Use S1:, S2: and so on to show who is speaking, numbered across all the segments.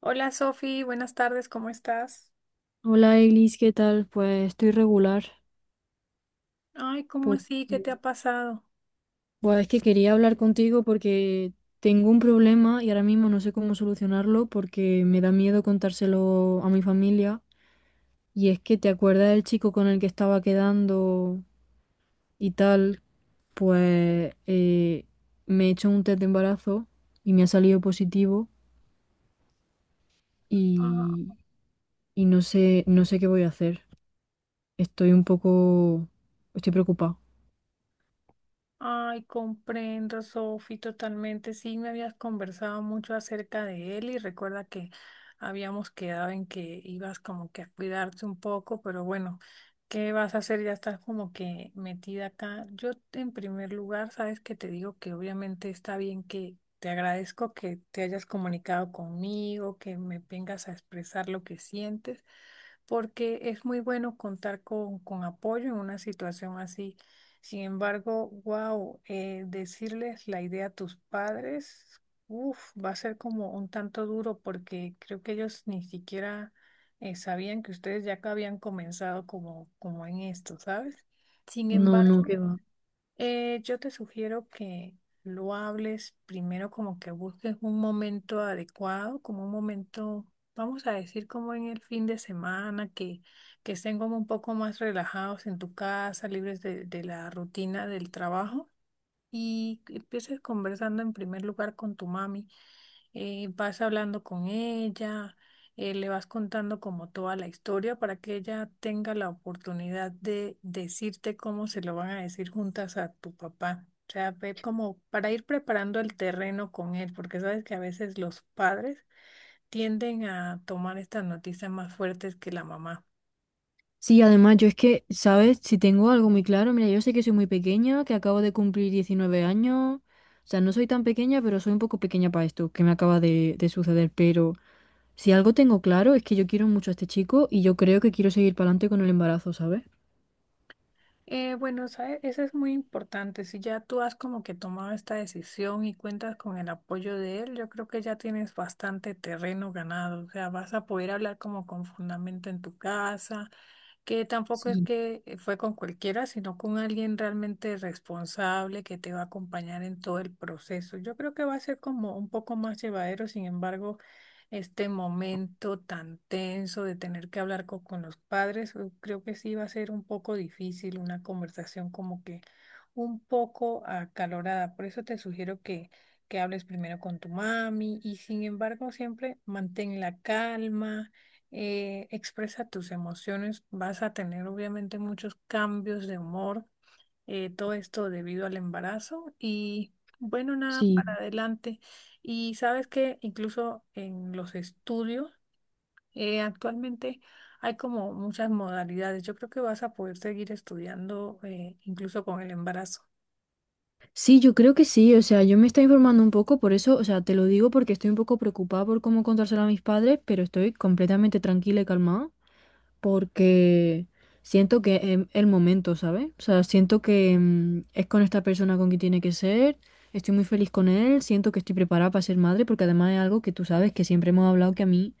S1: Hola Sofi, buenas tardes, ¿cómo estás?
S2: Hola Eglis, ¿qué tal? Pues estoy regular
S1: Ay, ¿cómo
S2: porque
S1: así? ¿Qué te ha pasado?
S2: pues es que quería hablar contigo porque tengo un problema y ahora mismo no sé cómo solucionarlo porque me da miedo contárselo a mi familia, y es que te acuerdas del chico con el que estaba quedando y tal. Pues me he hecho un test de embarazo y me ha salido positivo y, y no sé, no sé qué voy a hacer. Estoy un poco, estoy preocupada.
S1: Ay, comprendo, Sofi, totalmente. Sí, me habías conversado mucho acerca de él y recuerda que habíamos quedado en que ibas como que a cuidarte un poco, pero bueno, ¿qué vas a hacer? Ya estás como que metida acá. Yo, en primer lugar, sabes que te digo que obviamente está bien que te agradezco que te hayas comunicado conmigo, que me vengas a expresar lo que sientes, porque es muy bueno contar con apoyo en una situación así. Sin embargo, wow, decirles la idea a tus padres, uf, va a ser como un tanto duro porque creo que ellos ni siquiera sabían que ustedes ya que habían comenzado como en esto, ¿sabes? Sin
S2: No, no,
S1: embargo,
S2: que va.
S1: yo te sugiero que lo hables primero como que busques un momento adecuado, como un momento, vamos a decir, como en el fin de semana, que estén como un poco más relajados en tu casa, libres de la rutina del trabajo y empieces conversando en primer lugar con tu mami. Vas hablando con ella, le vas contando como toda la historia para que ella tenga la oportunidad de decirte cómo se lo van a decir juntas a tu papá. O sea, ve como para ir preparando el terreno con él, porque sabes que a veces los padres tienden a tomar estas noticias más fuertes que la mamá.
S2: Sí, además yo es que, ¿sabes? Si tengo algo muy claro, mira, yo sé que soy muy pequeña, que acabo de cumplir 19 años. O sea, no soy tan pequeña, pero soy un poco pequeña para esto que me acaba de suceder. Pero si algo tengo claro es que yo quiero mucho a este chico, y yo creo que quiero seguir para adelante con el embarazo, ¿sabes?
S1: Bueno, ¿sabes? Eso es muy importante. Si ya tú has como que tomado esta decisión y cuentas con el apoyo de él, yo creo que ya tienes bastante terreno ganado. O sea, vas a poder hablar como con fundamento en tu casa, que tampoco es
S2: Sí,
S1: que fue con cualquiera, sino con alguien realmente responsable que te va a acompañar en todo el proceso. Yo creo que va a ser como un poco más llevadero, sin embargo, este momento tan tenso de tener que hablar con, los padres, creo que sí va a ser un poco difícil, una conversación como que un poco acalorada. Por eso te sugiero que hables primero con tu mami y sin embargo siempre mantén la calma, expresa tus emociones, vas a tener obviamente muchos cambios de humor, todo esto debido al embarazo y bueno, nada,
S2: sí.
S1: para adelante. Y sabes que incluso en los estudios actualmente hay como muchas modalidades. Yo creo que vas a poder seguir estudiando, incluso con el embarazo.
S2: Sí, yo creo que sí. O sea, yo me estoy informando un poco, por eso, o sea, te lo digo porque estoy un poco preocupada por cómo contárselo a mis padres, pero estoy completamente tranquila y calmada. Porque siento que es el momento, ¿sabes? O sea, siento que es con esta persona con quien tiene que ser. Estoy muy feliz con él, siento que estoy preparada para ser madre, porque además es algo que tú sabes que siempre hemos hablado, que a mí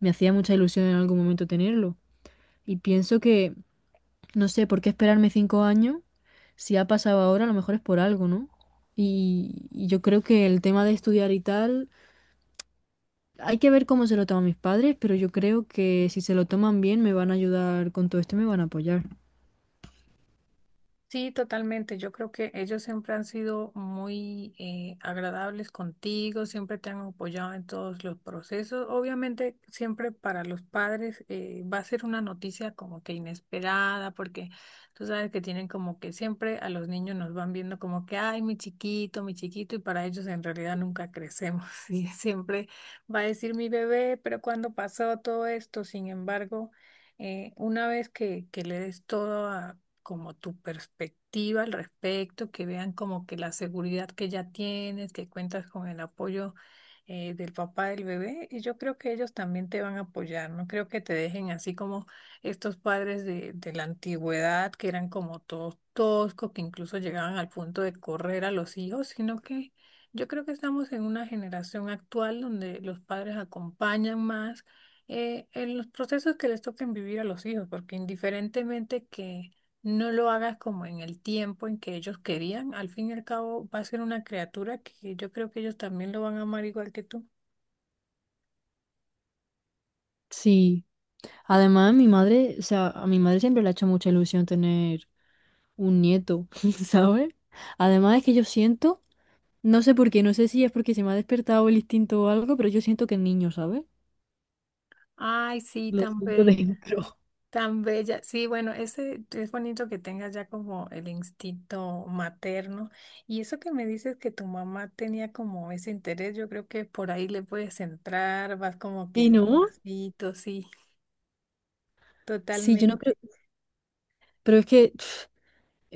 S2: me hacía mucha ilusión en algún momento tenerlo. Y pienso que, no sé, ¿por qué esperarme 5 años? Si ha pasado ahora, a lo mejor es por algo, ¿no? Y yo creo que el tema de estudiar y tal, hay que ver cómo se lo toman mis padres, pero yo creo que si se lo toman bien, me van a ayudar con todo esto y me van a apoyar.
S1: Sí, totalmente. Yo creo que ellos siempre han sido muy agradables contigo, siempre te han apoyado en todos los procesos. Obviamente, siempre para los padres va a ser una noticia como que inesperada, porque tú sabes que tienen como que siempre a los niños nos van viendo como que, ay, mi chiquito, y para ellos en realidad nunca crecemos. Y siempre va a decir mi bebé, pero cuando pasó todo esto, sin embargo, una vez que le des todo como tu perspectiva al respecto, que vean como que la seguridad que ya tienes, que cuentas con el apoyo, del papá del bebé, y yo creo que ellos también te van a apoyar, no creo que te dejen así como estos padres de la antigüedad, que eran como todos toscos, que incluso llegaban al punto de correr a los hijos, sino que yo creo que estamos en una generación actual donde los padres acompañan más. En los procesos que les toquen vivir a los hijos, porque indiferentemente que, no lo hagas como en el tiempo en que ellos querían. Al fin y al cabo va a ser una criatura que yo creo que ellos también lo van a amar igual que tú.
S2: Sí, además mi madre, o sea, a mi madre siempre le ha hecho mucha ilusión tener un nieto, ¿sabes? Además es que yo siento, no sé por qué, no sé si es porque se me ha despertado el instinto o algo, pero yo siento que el niño, ¿sabes?
S1: Ay, sí,
S2: Lo
S1: tan
S2: siento
S1: bella,
S2: dentro.
S1: tan bella. Sí, bueno, ese es bonito que tengas ya como el instinto materno. Y eso que me dices que tu mamá tenía como ese interés, yo creo que por ahí le puedes entrar, vas como que
S2: ¿Y no?
S1: despacito, sí,
S2: Sí, yo no creo,
S1: totalmente.
S2: pero es que pf,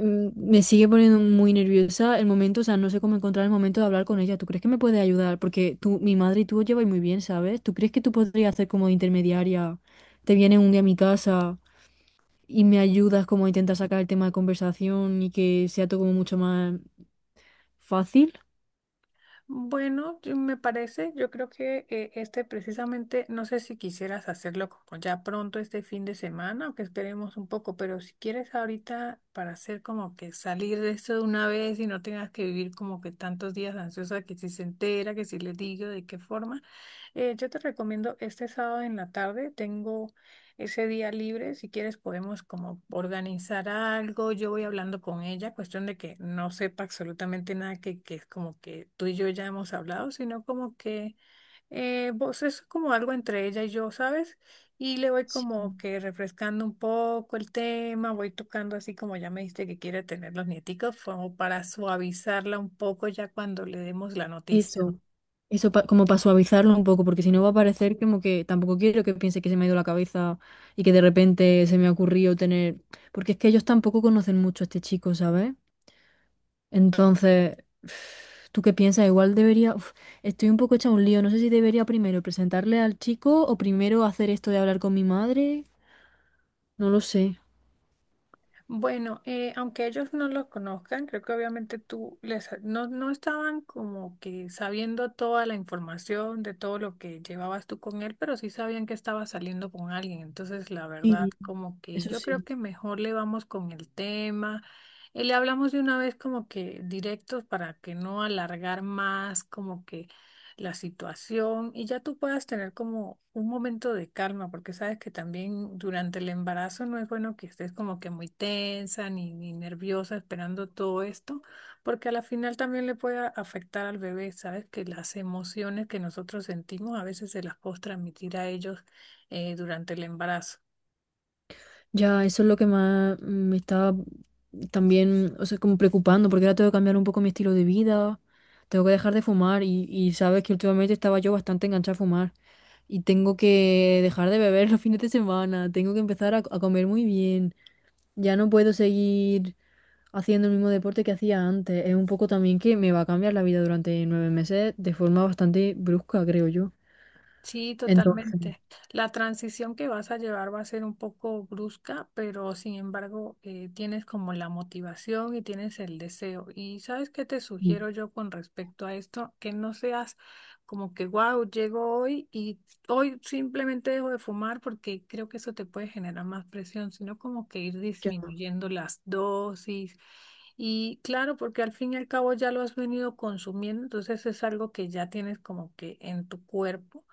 S2: me sigue poniendo muy nerviosa el momento. O sea, no sé cómo encontrar el momento de hablar con ella. ¿Tú crees que me puede ayudar? Porque tú, mi madre y tú os lleváis muy bien, ¿sabes? ¿Tú crees que tú podrías hacer como de intermediaria? Te vienes un día a mi casa y me ayudas como a intentar sacar el tema de conversación, y que sea todo como mucho más fácil.
S1: Bueno, me parece, yo creo que este precisamente, no sé si quisieras hacerlo como ya pronto este fin de semana o que esperemos un poco, pero si quieres ahorita para hacer como que salir de esto de una vez y no tengas que vivir como que tantos días ansiosa que si se entera, que si le digo de qué forma, yo te recomiendo este sábado en la tarde, tengo ese día libre, si quieres podemos como organizar algo, yo voy hablando con ella, cuestión de que no sepa absolutamente nada que es como que tú y yo ya hemos hablado, sino como que vos es como algo entre ella y yo, ¿sabes? Y le voy
S2: Sí.
S1: como que refrescando un poco el tema, voy tocando así como ya me dijiste que quiere tener los nieticos, como para suavizarla un poco ya cuando le demos la noticia.
S2: Eso, eso pa- como para suavizarlo un poco, porque si no va a parecer como que... tampoco quiero que piense que se me ha ido la cabeza y que de repente se me ha ocurrido tener, porque es que ellos tampoco conocen mucho a este chico, ¿sabes? Entonces, ¿tú qué piensas? Igual debería, uf, estoy un poco hecha un lío, no sé si debería primero presentarle al chico o primero hacer esto de hablar con mi madre, no lo sé.
S1: Bueno, aunque ellos no lo conozcan, creo que obviamente tú les no estaban como que sabiendo toda la información de todo lo que llevabas tú con él, pero sí sabían que estaba saliendo con alguien. Entonces, la verdad,
S2: Y
S1: como que
S2: eso
S1: yo creo
S2: sí.
S1: que mejor le vamos con el tema. Le hablamos de una vez como que directos para que no alargar más, como que la situación y ya tú puedas tener como un momento de calma, porque sabes que también durante el embarazo no es bueno que estés como que muy tensa ni nerviosa esperando todo esto, porque a la final también le puede afectar al bebé, sabes que las emociones que nosotros sentimos a veces se las puedes transmitir a ellos durante el embarazo.
S2: Ya, eso es lo que más me estaba también, o sea, como preocupando, porque ahora tengo que cambiar un poco mi estilo de vida, tengo que dejar de fumar y sabes que últimamente estaba yo bastante enganchada a fumar, y tengo que dejar de beber los fines de semana, tengo que empezar a comer muy bien, ya no puedo seguir haciendo el mismo deporte que hacía antes. Es un poco también que me va a cambiar la vida durante 9 meses de forma bastante brusca, creo yo.
S1: Sí,
S2: Entonces,
S1: totalmente. La transición que vas a llevar va a ser un poco brusca, pero sin embargo tienes como la motivación y tienes el deseo. Y sabes qué te
S2: sí.
S1: sugiero yo con respecto a esto, que no seas como que, wow, llego hoy y hoy simplemente dejo de fumar porque creo que eso te puede generar más presión, sino como que ir disminuyendo las dosis. Y claro, porque al fin y al cabo ya lo has venido consumiendo, entonces es algo que ya tienes como que en tu cuerpo.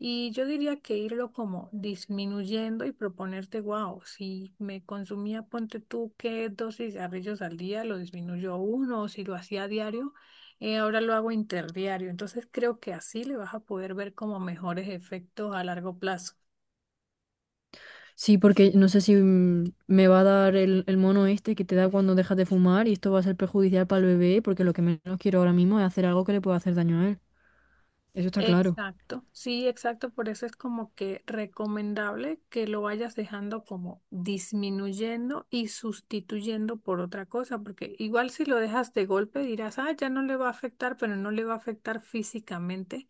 S1: Y yo diría que irlo como disminuyendo y proponerte, wow, si me consumía, ponte tú, que dos cigarrillos al día, lo disminuyo a uno, o si lo hacía a diario, ahora lo hago interdiario. Entonces creo que así le vas a poder ver como mejores efectos a largo plazo.
S2: Sí, porque no sé si me va a dar el mono este que te da cuando dejas de fumar, y esto va a ser perjudicial para el bebé, porque lo que menos quiero ahora mismo es hacer algo que le pueda hacer daño a él. Eso está claro.
S1: Exacto, sí, exacto, por eso es como que recomendable que lo vayas dejando como disminuyendo y sustituyendo por otra cosa, porque igual si lo dejas de golpe dirás, ah, ya no le va a afectar, pero no le va a afectar físicamente,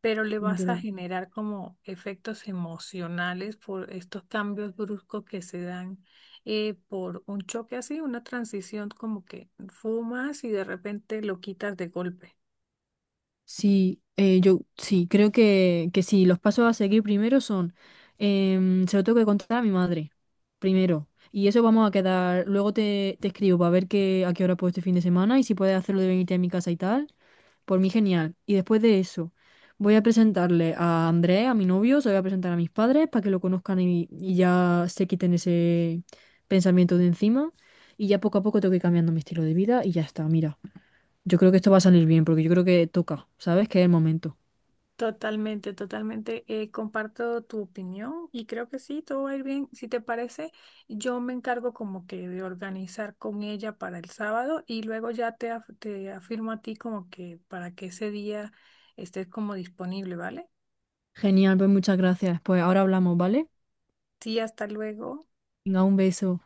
S1: pero le vas a
S2: Literal.
S1: generar como efectos emocionales por estos cambios bruscos que se dan por un choque así, una transición como que fumas y de repente lo quitas de golpe.
S2: Sí, yo sí, creo que sí. Los pasos a seguir primero son, se lo tengo que contar a mi madre, primero. Y eso vamos a quedar. Luego te escribo para ver a qué hora puedo este fin de semana, y si puedes hacerlo de venirte a mi casa y tal. Por mí genial. Y después de eso, voy a presentarle a Andrés, a mi novio, se lo voy a presentar a mis padres para que lo conozcan, y ya se quiten ese pensamiento de encima. Y ya poco a poco tengo que ir cambiando mi estilo de vida y ya está, mira. Yo creo que esto va a salir bien, porque yo creo que toca, ¿sabes? Que es el momento.
S1: Totalmente, totalmente. Comparto tu opinión y creo que sí, todo va a ir bien. Si te parece, yo me encargo como que de organizar con ella para el sábado y luego ya te, te afirmo a ti como que para que ese día estés como disponible, ¿vale?
S2: Genial, pues muchas gracias. Pues ahora hablamos, ¿vale?
S1: Sí, hasta luego.
S2: Venga, un beso.